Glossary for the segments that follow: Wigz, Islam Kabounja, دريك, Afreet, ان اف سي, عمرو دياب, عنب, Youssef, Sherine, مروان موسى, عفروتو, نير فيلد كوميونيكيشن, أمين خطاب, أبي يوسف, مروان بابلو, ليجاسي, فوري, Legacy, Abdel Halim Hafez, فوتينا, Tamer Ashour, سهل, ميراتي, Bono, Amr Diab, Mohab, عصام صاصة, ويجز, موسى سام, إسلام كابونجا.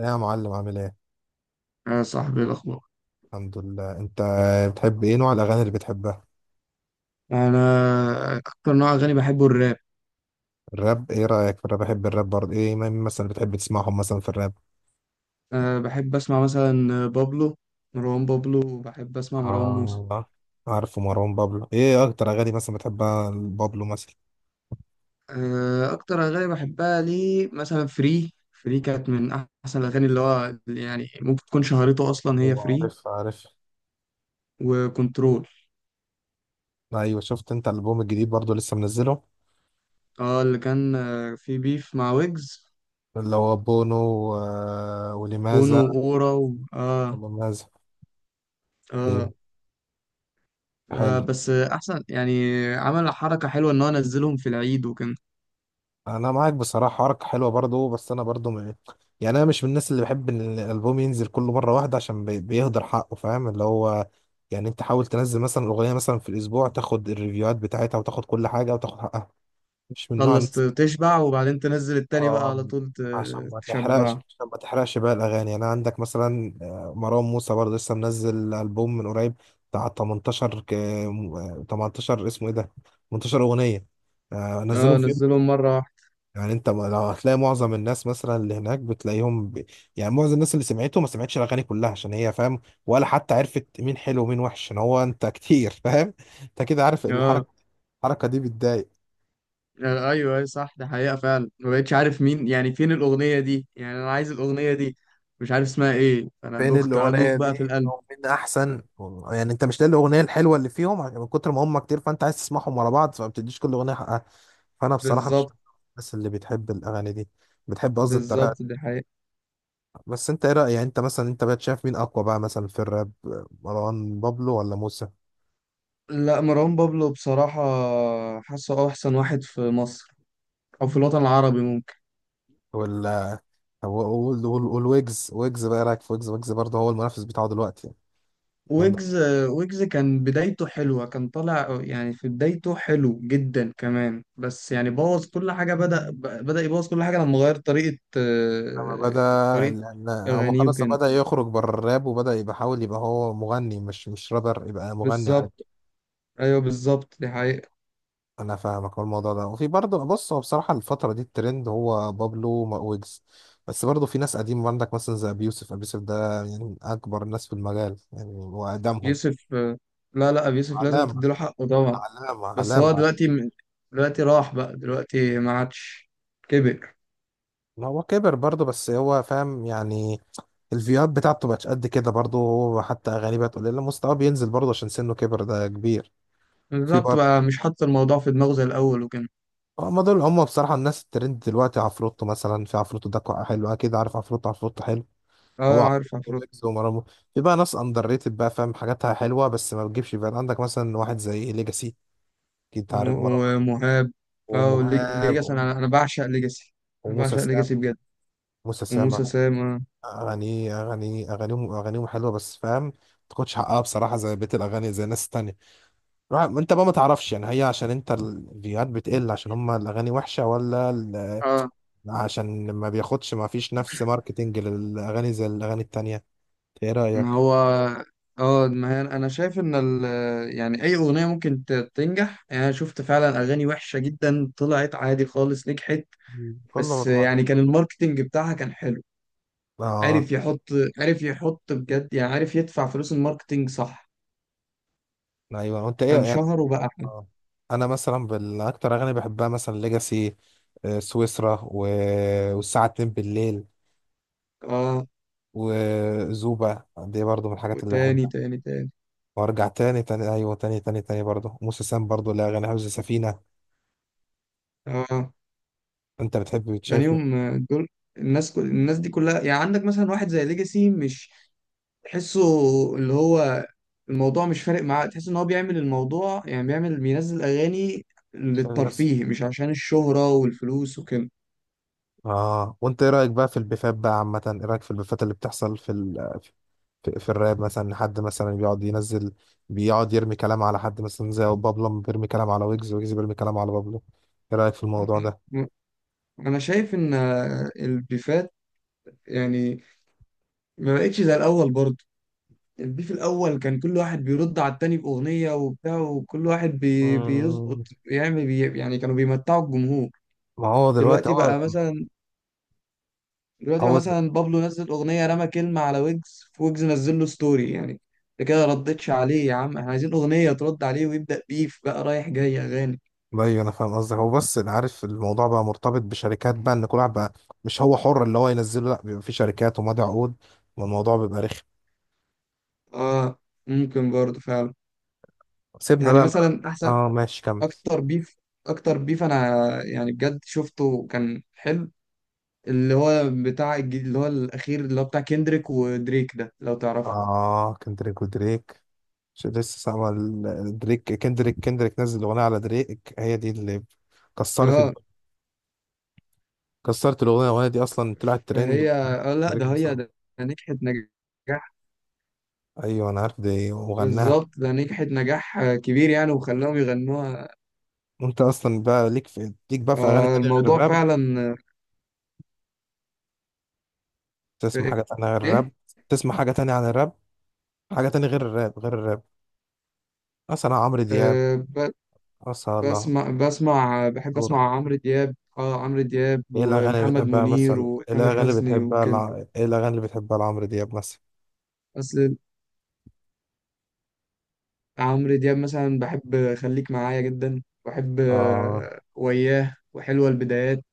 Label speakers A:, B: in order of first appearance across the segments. A: يا معلم عامل ايه؟
B: يا صاحبي، إيه الأخبار؟
A: الحمد لله، انت بتحب ايه؟ نوع الاغاني اللي بتحبها
B: أنا أكتر نوع أغاني بحبه الراب.
A: الراب؟ ايه رايك في الراب؟ بحب الراب برضه. ايه مين مثلا بتحب تسمعهم مثلا في الراب؟
B: أه، بحب أسمع مثلا بابلو، مروان بابلو، وبحب أسمع مروان موسى.
A: اه عارف مروان بابلو. ايه اكتر اغاني مثلا بتحبها بابلو مثلا؟
B: أه، أكتر أغاني بحبها ليه مثلا، فري فري كانت من أحسن الأغاني، اللي هو يعني ممكن تكون شهرته أصلا هي
A: ايوه
B: فري،
A: عارف.
B: وكنترول.
A: ايوه شفت انت الالبوم الجديد برضه لسه منزله؟
B: اه، اللي كان في بيف مع ويجز،
A: اللي هو بونو و...
B: بونو
A: ولماذا؟
B: وأورا آه.
A: ولماذا؟ ايوه
B: آه. آه،
A: حلو.
B: بس أحسن، يعني عمل حركة حلوة، إن هو نزلهم في العيد وكان
A: انا معاك بصراحه، حوارك حلوه برضو، بس انا برضو م... يعني انا مش من الناس اللي بحب ان الالبوم ينزل كل مره واحده، عشان بي... بيهدر حقه، فاهم؟ اللي هو يعني انت حاول تنزل مثلا اغنيه مثلا في الاسبوع، تاخد الريفيوهات بتاعتها وتاخد كل حاجه وتاخد حقها. مش من نوع
B: تخلص،
A: الناس.
B: تشبع، وبعدين تنزل التاني بقى
A: اه
B: على طول،
A: عشان ما تحرقش،
B: تشبع.
A: عشان ما تحرقش بقى الاغاني. يعني انا عندك مثلا مروان موسى برضو لسه منزل البوم من قريب، بتاع 18 ك... 18 اسمه ايه ده؟ 18 اغنيه.
B: اه،
A: نزلهم في.
B: نزلهم مرة واحدة.
A: يعني انت لو هتلاقي معظم الناس مثلا اللي هناك بتلاقيهم ب... يعني معظم الناس اللي سمعته ما سمعتش الاغاني كلها، عشان هي، فاهم؟ ولا حتى عرفت مين حلو ومين وحش، عشان هو انت كتير فاهم. انت كده عارف
B: اه.
A: الحركه. الحركه دي بتضايق.
B: ايوه، ايوه، صح، ده حقيقة فعلا، ما بقتش عارف مين، يعني فين الأغنية دي، يعني انا عايز الأغنية دي، مش عارف اسمها ايه، فانا
A: فين
B: دخت
A: الاغنيه
B: ادوخ بقى
A: دي
B: في القلب.
A: او مين احسن؟ يعني انت مش لاقي الاغنيه الحلوه اللي فيهم، عشان من كتر ما هم كتير، فانت عايز تسمعهم ورا بعض، فما بتديش كل اغنيه حقها. فانا بصراحه مش
B: بالظبط.
A: من الناس اللي بتحب الاغاني دي، بتحب قصدي الطريقه.
B: بالظبط دي حقيقة.
A: بس انت ايه رأيك؟ يعني انت مثلا، انت بقى شايف مين اقوى بقى مثلا في الراب؟ مروان بابلو ولا موسى
B: لا، مروان بابلو بصراحة، حاسه احسن واحد في مصر، او في الوطن العربي.
A: ولا؟ طب والويجز، ويجز بقى ايه رأيك في ويجز؟ ويجز برضه هو المنافس بتاعه دلوقتي يعني عندك.
B: ويجز، ويجز كان بدايته حلوة، كان طالع يعني في بدايته حلو جدا كمان، بس يعني بوظ كل حاجة، بدأ يبوظ كل حاجة لما غير
A: لما بدأ،
B: طريقة
A: لما هو
B: أغانيه
A: خلاص
B: وكده.
A: بدأ يخرج بره الراب وبدأ يبقى، حاول يبقى هو مغني، مش رابر، يبقى مغني عادي.
B: بالظبط. أيوه، بالظبط دي حقيقة.
A: انا فاهمك. هو الموضوع ده، وفي برضه، بص، هو بصراحة الفترة دي الترند هو بابلو مع ويجز، بس برضه في ناس قديمة عندك مثلا زي ابي يوسف. ابي يوسف ده يعني اكبر ناس في المجال، يعني هو اقدمهم.
B: يوسف آه، لا لا، أبي يوسف لازم
A: علامة.
B: تديله حقه طبعا.
A: علامة
B: بس هو
A: علامة
B: دلوقتي دلوقتي راح بقى، دلوقتي ما عادش، كبر.
A: ما هو كبر برضه، بس هو فاهم يعني. الفيوات بتاعته بقتش قد كده برضه، هو حتى أغانيه بقت قليلة، مستواه بينزل برضه عشان سنه كبر، ده كبير. في
B: بالظبط،
A: برضه.
B: بقى مش حاطط الموضوع في دماغه زي الأول وكده.
A: هما دول هما بصراحة الناس الترند دلوقتي. عفروتو مثلا، في عفروتو ده كو- حلو. أكيد عارف عفروتو. عفروتو حلو. هو
B: اه، عارف
A: عفروتو،
B: عفروت
A: ويجز، ومرامو. في بقى ناس أندر ريتد بقى، فاهم، حاجاتها حلوة بس ما بتجيبش بقى. عندك مثلا واحد زي ليجاسي. أكيد
B: و-
A: عارف مرام
B: ومهاب. اه،
A: ومهاب
B: ليجاسي،
A: وم-
B: انا بعشق ليجاسي. انا
A: وموسى
B: بعشق
A: سام.
B: ليجاسي بجد،
A: موسى سام،
B: وموسى سام. اه.
A: اغاني اغانيهم حلوه، بس فاهم ما تاخدش حقها بصراحه، زي بيت الاغاني زي الناس التانية. روح- انت بقى ما تعرفش يعني، هي عشان انت الفيوهات بتقل عشان هم الاغاني وحشه ولا ال-
B: اه،
A: عشان ما بياخدش، ما فيش نفس ماركتنج للاغاني زي الاغاني التانية؟ ايه
B: ما
A: رايك؟
B: هو، اه ما هي انا شايف ان يعني اي اغنيه ممكن تنجح، يعني انا شفت فعلا اغاني وحشه جدا طلعت عادي خالص، نجحت.
A: كله
B: بس
A: مضمون.
B: يعني كان الماركتينج بتاعها كان حلو،
A: اه.
B: عارف يحط عارف يحط بجد، يعني عارف يدفع فلوس الماركتينج، صح،
A: ايوه. وانت ايه يعني؟
B: فانشهر وبقى حلو.
A: آه. انا مثلا بالاكتر اغاني بحبها مثلا ليجاسي، سويسرا و... والساعه 2 بالليل،
B: اه،
A: وزوبا دي برضو من الحاجات اللي
B: وتاني تاني تاني.
A: وارجع تاني تاني. ايوه تاني تاني تاني برضه. موسى سام برضه، لا اغاني حفظ سفينه.
B: اه،
A: انت بتحب
B: يعني
A: بتشايف من
B: يوم دول، الناس دي كلها، يعني عندك مثلا واحد زي ليجاسي مش تحسه، اللي هو الموضوع مش فارق معاه، تحس ان هو بيعمل الموضوع، يعني بيعمل بينزل اغاني
A: عشان الناس.
B: للترفيه، مش عشان الشهرة والفلوس وكده.
A: اه وانت ايه رايك بقى في البيفات بقى عامه؟ ايه رايك في البيفات اللي بتحصل في ال... في الراب، مثلا حد مثلا بيقعد ينزل، بيقعد يرمي كلام على حد، مثلا زي بابلو بيرمي كلام على ويجز، ويجز بيرمي كلام على بابلو. ايه رايك في الموضوع ده؟
B: انا شايف ان البيفات يعني ما بقتش زي الاول برضه. البيف الاول كان كل واحد بيرد على التاني باغنية وبتاع، وكل واحد بيظبط،
A: مم.
B: يعمل يعني كانوا بيمتعوا الجمهور.
A: ما هو دلوقتي
B: دلوقتي
A: هو
B: بقى مثلا دلوقتي بقى
A: هو
B: مثلا، بابلو نزل اغنيه رمى كلمه على ويجز، ويجز نزل له ستوري، يعني انت كده ردتش عليه يا عم، احنا عايزين اغنيه ترد عليه ويبدا بيف بقى رايح جاي اغاني.
A: ايوه انا فاهم قصدك. هو بس انا عارف الموضوع بقى مرتبط بشركات بقى، ان كل واحد بقى مش هو حر اللي هو ينزله، لا بيبقى في شركات ومضي عقود، والموضوع بيبقى رخم.
B: اه، ممكن برضه فعلا.
A: سيبنا
B: يعني
A: بقى.
B: مثلا احسن
A: اه ماشي كمل.
B: اكتر بيف اكتر بيف انا يعني بجد شفته كان حلو، اللي هو بتاع الجديد، اللي هو الاخير، اللي هو بتاع كيندريك ودريك، ده لو تعرفه.
A: اه كندريك ودريك. مش لسه سامع ال- دريك، كندريك، كندريك نزل اغنيه على دريك، هي دي اللي كسرت الد-
B: اه،
A: كسرت الاغنيه. الاغنيه دي اصلا طلعت ترند.
B: فهي،
A: ودريك،
B: اه لا،
A: دريك
B: ده هي
A: بصراحه.
B: ده، ده نجحت نجاح.
A: ايوه انا عارف دي، وغناها.
B: بالظبط، ده نجحت نجاح كبير، يعني وخلاهم يغنوها،
A: وانت اصلا بقى ليك في، ليك بقى في اغاني تانية غير
B: فالموضوع
A: الراب؟
B: فعلا في
A: تسمع حاجه تانية غير الراب؟
B: ايه.
A: تسمع حاجه تانية عن الراب؟ حاجة تانية غير الراب، غير الراب، مثلا عمرو دياب
B: آه، ب-
A: مثلا؟
B: بسمع بحب
A: شهور.
B: اسمع عمرو دياب، اه عمرو دياب
A: ايه الأغاني اللي
B: ومحمد
A: بتحبها
B: منير
A: مثلا؟ ايه
B: وتامر
A: الأغاني اللي
B: حسني
A: بتحبها
B: وكده.
A: لع... ايه الأغاني اللي بتحبها لعمرو دياب مثلا؟
B: بس عمرو دياب مثلا، بحب خليك معايا جدا، بحب
A: آه.
B: وياه، وحلوة البدايات،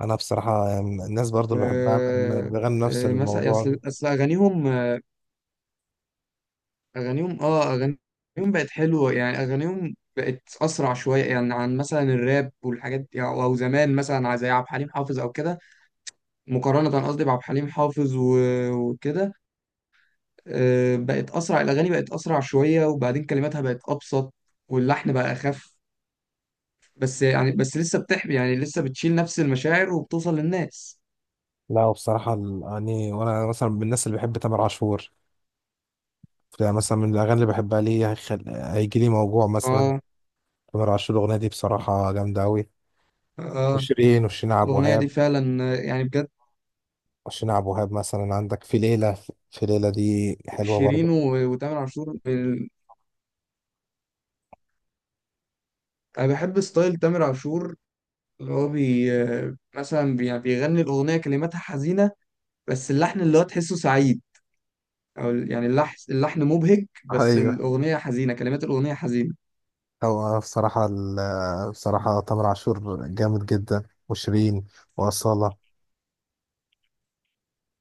A: أنا بصراحة يعني الناس برضو
B: و
A: اللي بحبها بن- بيغنوا نفس
B: مثلا
A: الموضوع
B: اصل
A: ده.
B: اصل اغانيهم اغانيهم بقت حلوة، يعني اغانيهم بقت اسرع شوية، يعني عن مثلا الراب والحاجات دي، او زمان مثلا زي عبد الحليم حافظ او كده، مقارنة قصدي بعبد الحليم حافظ وكده. بقت أسرع، الأغاني بقت أسرع شوية، وبعدين كلماتها بقت أبسط، واللحن بقى أخف، بس يعني بس لسه بتحمي، يعني لسه بتشيل نفس المشاعر وبتوصل للناس.
A: لا وبصراحة الأغاني، وأنا مثلا من الناس اللي بحب تامر عاشور. فمثلا من الأغاني اللي بحبها ليه، هيخل... هيجي لي موجوع مثلا،
B: اه.
A: تامر عاشور. الأغنية دي بصراحة جامدة أوي.
B: اه،
A: وشيرين، وشيرين عبد
B: الأغنية دي
A: الوهاب.
B: فعلا، يعني بجد.
A: وشيرين عبد الوهاب مثلا عندك في ليلة. في ليلة دي حلوة
B: شيرين
A: برضه.
B: وتامر عاشور أنا بحب ستايل تامر عاشور، اللي هو بي آه، مثلا يعني بيغني الأغنية كلماتها حزينة، بس اللحن اللي هو تحسه سعيد، او يعني اللحن مبهج، بس
A: ايوه.
B: الاغنيه حزينه، كلمات الاغنيه حزينه.
A: هو بصراحة ال- بصراحة تامر عاشور جامد جدا، وشيرين، وأصالة.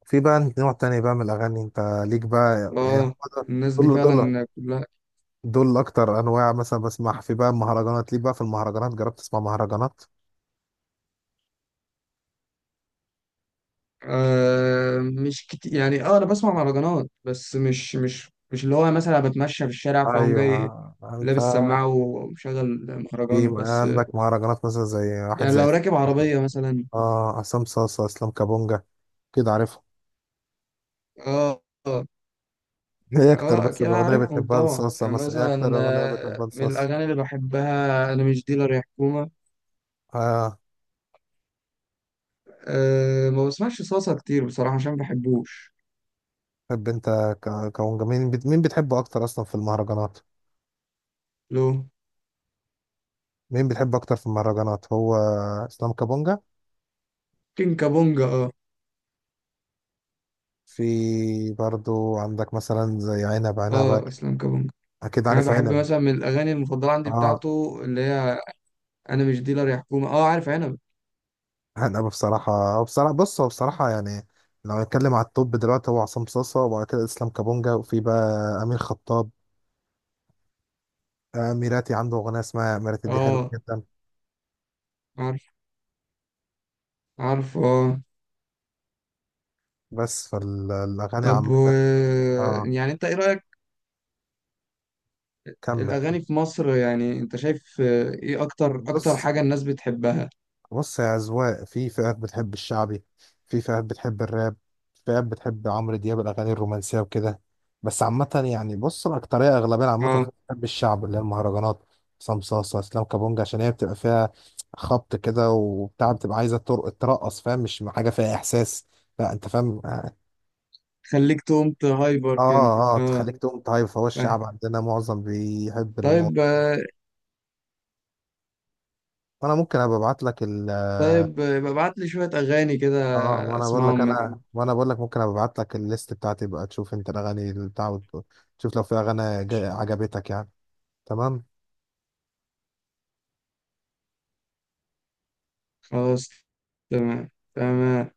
A: في بقى نوع تاني بقى من الأغاني أنت ليك بقى يعني
B: اه،
A: هو
B: الناس دي
A: دول.
B: فعلا كلها.
A: دول أكتر أنواع مثلا بسمعها. في بقى المهرجانات ليك بقى؟ في المهرجانات جربت تسمع مهرجانات؟
B: آه، مش كتير يعني، اه انا بسمع مهرجانات، بس مش اللي هو، مثلا بتمشى في الشارع فاقوم جاي
A: أيوه. أنت
B: لابس سماعه ومشغل
A: في
B: مهرجان، بس
A: عندك مهرجانات مثلا زي واحد
B: يعني
A: زي
B: لو راكب عربيه مثلا.
A: آه عصام صاصة، إسلام كابونجا، كده عارفهم؟
B: اه. اه.
A: إيه أكتر
B: اه،
A: بس
B: اكيد
A: الأغنية
B: عارفهم
A: بتحبها
B: طبعا،
A: لصاصة
B: يعني
A: مثلا؟ إيه
B: مثلا
A: أكتر أغنية بتحبها
B: من
A: لصاصة؟
B: الاغاني اللي بحبها: انا مش ديلر يا حكومه.
A: آه.
B: أه، ما بسمعش صلصه كتير بصراحه عشان ما بحبوش.
A: طب انت ك- كمغني مين بت- مين بتحبه اكتر اصلا في المهرجانات؟
B: لو
A: مين بتحبه اكتر في المهرجانات؟ هو اسلام كابونجا.
B: كين كابونجا. اه.
A: في برضو عندك مثلا زي عنب. عنب،
B: اه، اسلام كابونجا.
A: اكيد
B: يعني انا
A: عارف
B: بحب
A: عنب.
B: مثلا من الاغاني المفضله عندي
A: اه
B: بتاعته، اللي هي انا مش ديلر يا حكومه. اه، عارف عنب.
A: عنب بصراحه، هو بصراحه، بص هو بصراحه يعني لو هنتكلم على التوب دلوقتي، هو عصام صاصا، وبعد كده اسلام كابونجا، وفي بقى امين خطاب. ميراتي عنده اغنيه اسمها ميراتي، دي حلوه
B: اه،
A: جدا.
B: عارف. عارف. اه.
A: بس فالاغاني
B: طب،
A: عامه. اه
B: يعني انت ايه رايك،
A: كمل كمل.
B: الاغاني في مصر، يعني انت شايف ايه اكتر
A: بص،
B: حاجه الناس بتحبها؟
A: بص يا أذواق. في فئات بتحب الشعبي، في فئات بتحب الراب، في فئات بتحب عمرو دياب، الأغاني الرومانسية وكده. بس عامة يعني، بص، الأكترية أغلبية عامة
B: اه،
A: بتحب الشعب اللي هي المهرجانات. عصام صاصة، إسلام كابونجا، عشان هي بتبقى فيها خبط كده وبتاع، بتبقى عايزة ترق- ترقص، فاهم؟ مش حاجة فيها إحساس، لا أنت فاهم، آه.
B: خليك تقوم هايبر كده،
A: آه
B: اه،
A: تخليك تقوم. طيب. فهو
B: فاهم.
A: الشعب عندنا معظم بيحب
B: طيب،
A: المواضيع دي. وأنا ممكن أبقى أبعت لك.
B: طيب، ابعت لي شويه اغاني كده،
A: اه وانا بقول
B: اسمعهم
A: لك،
B: منك.
A: انا بقول لك ممكن ابعت لك الليست بتاعتي بقى، تشوف انت الاغاني اللي بتاع، وت- تشوف لو في اغاني جا- عجبتك يعني. تمام.
B: خلاص. تمام. تمام.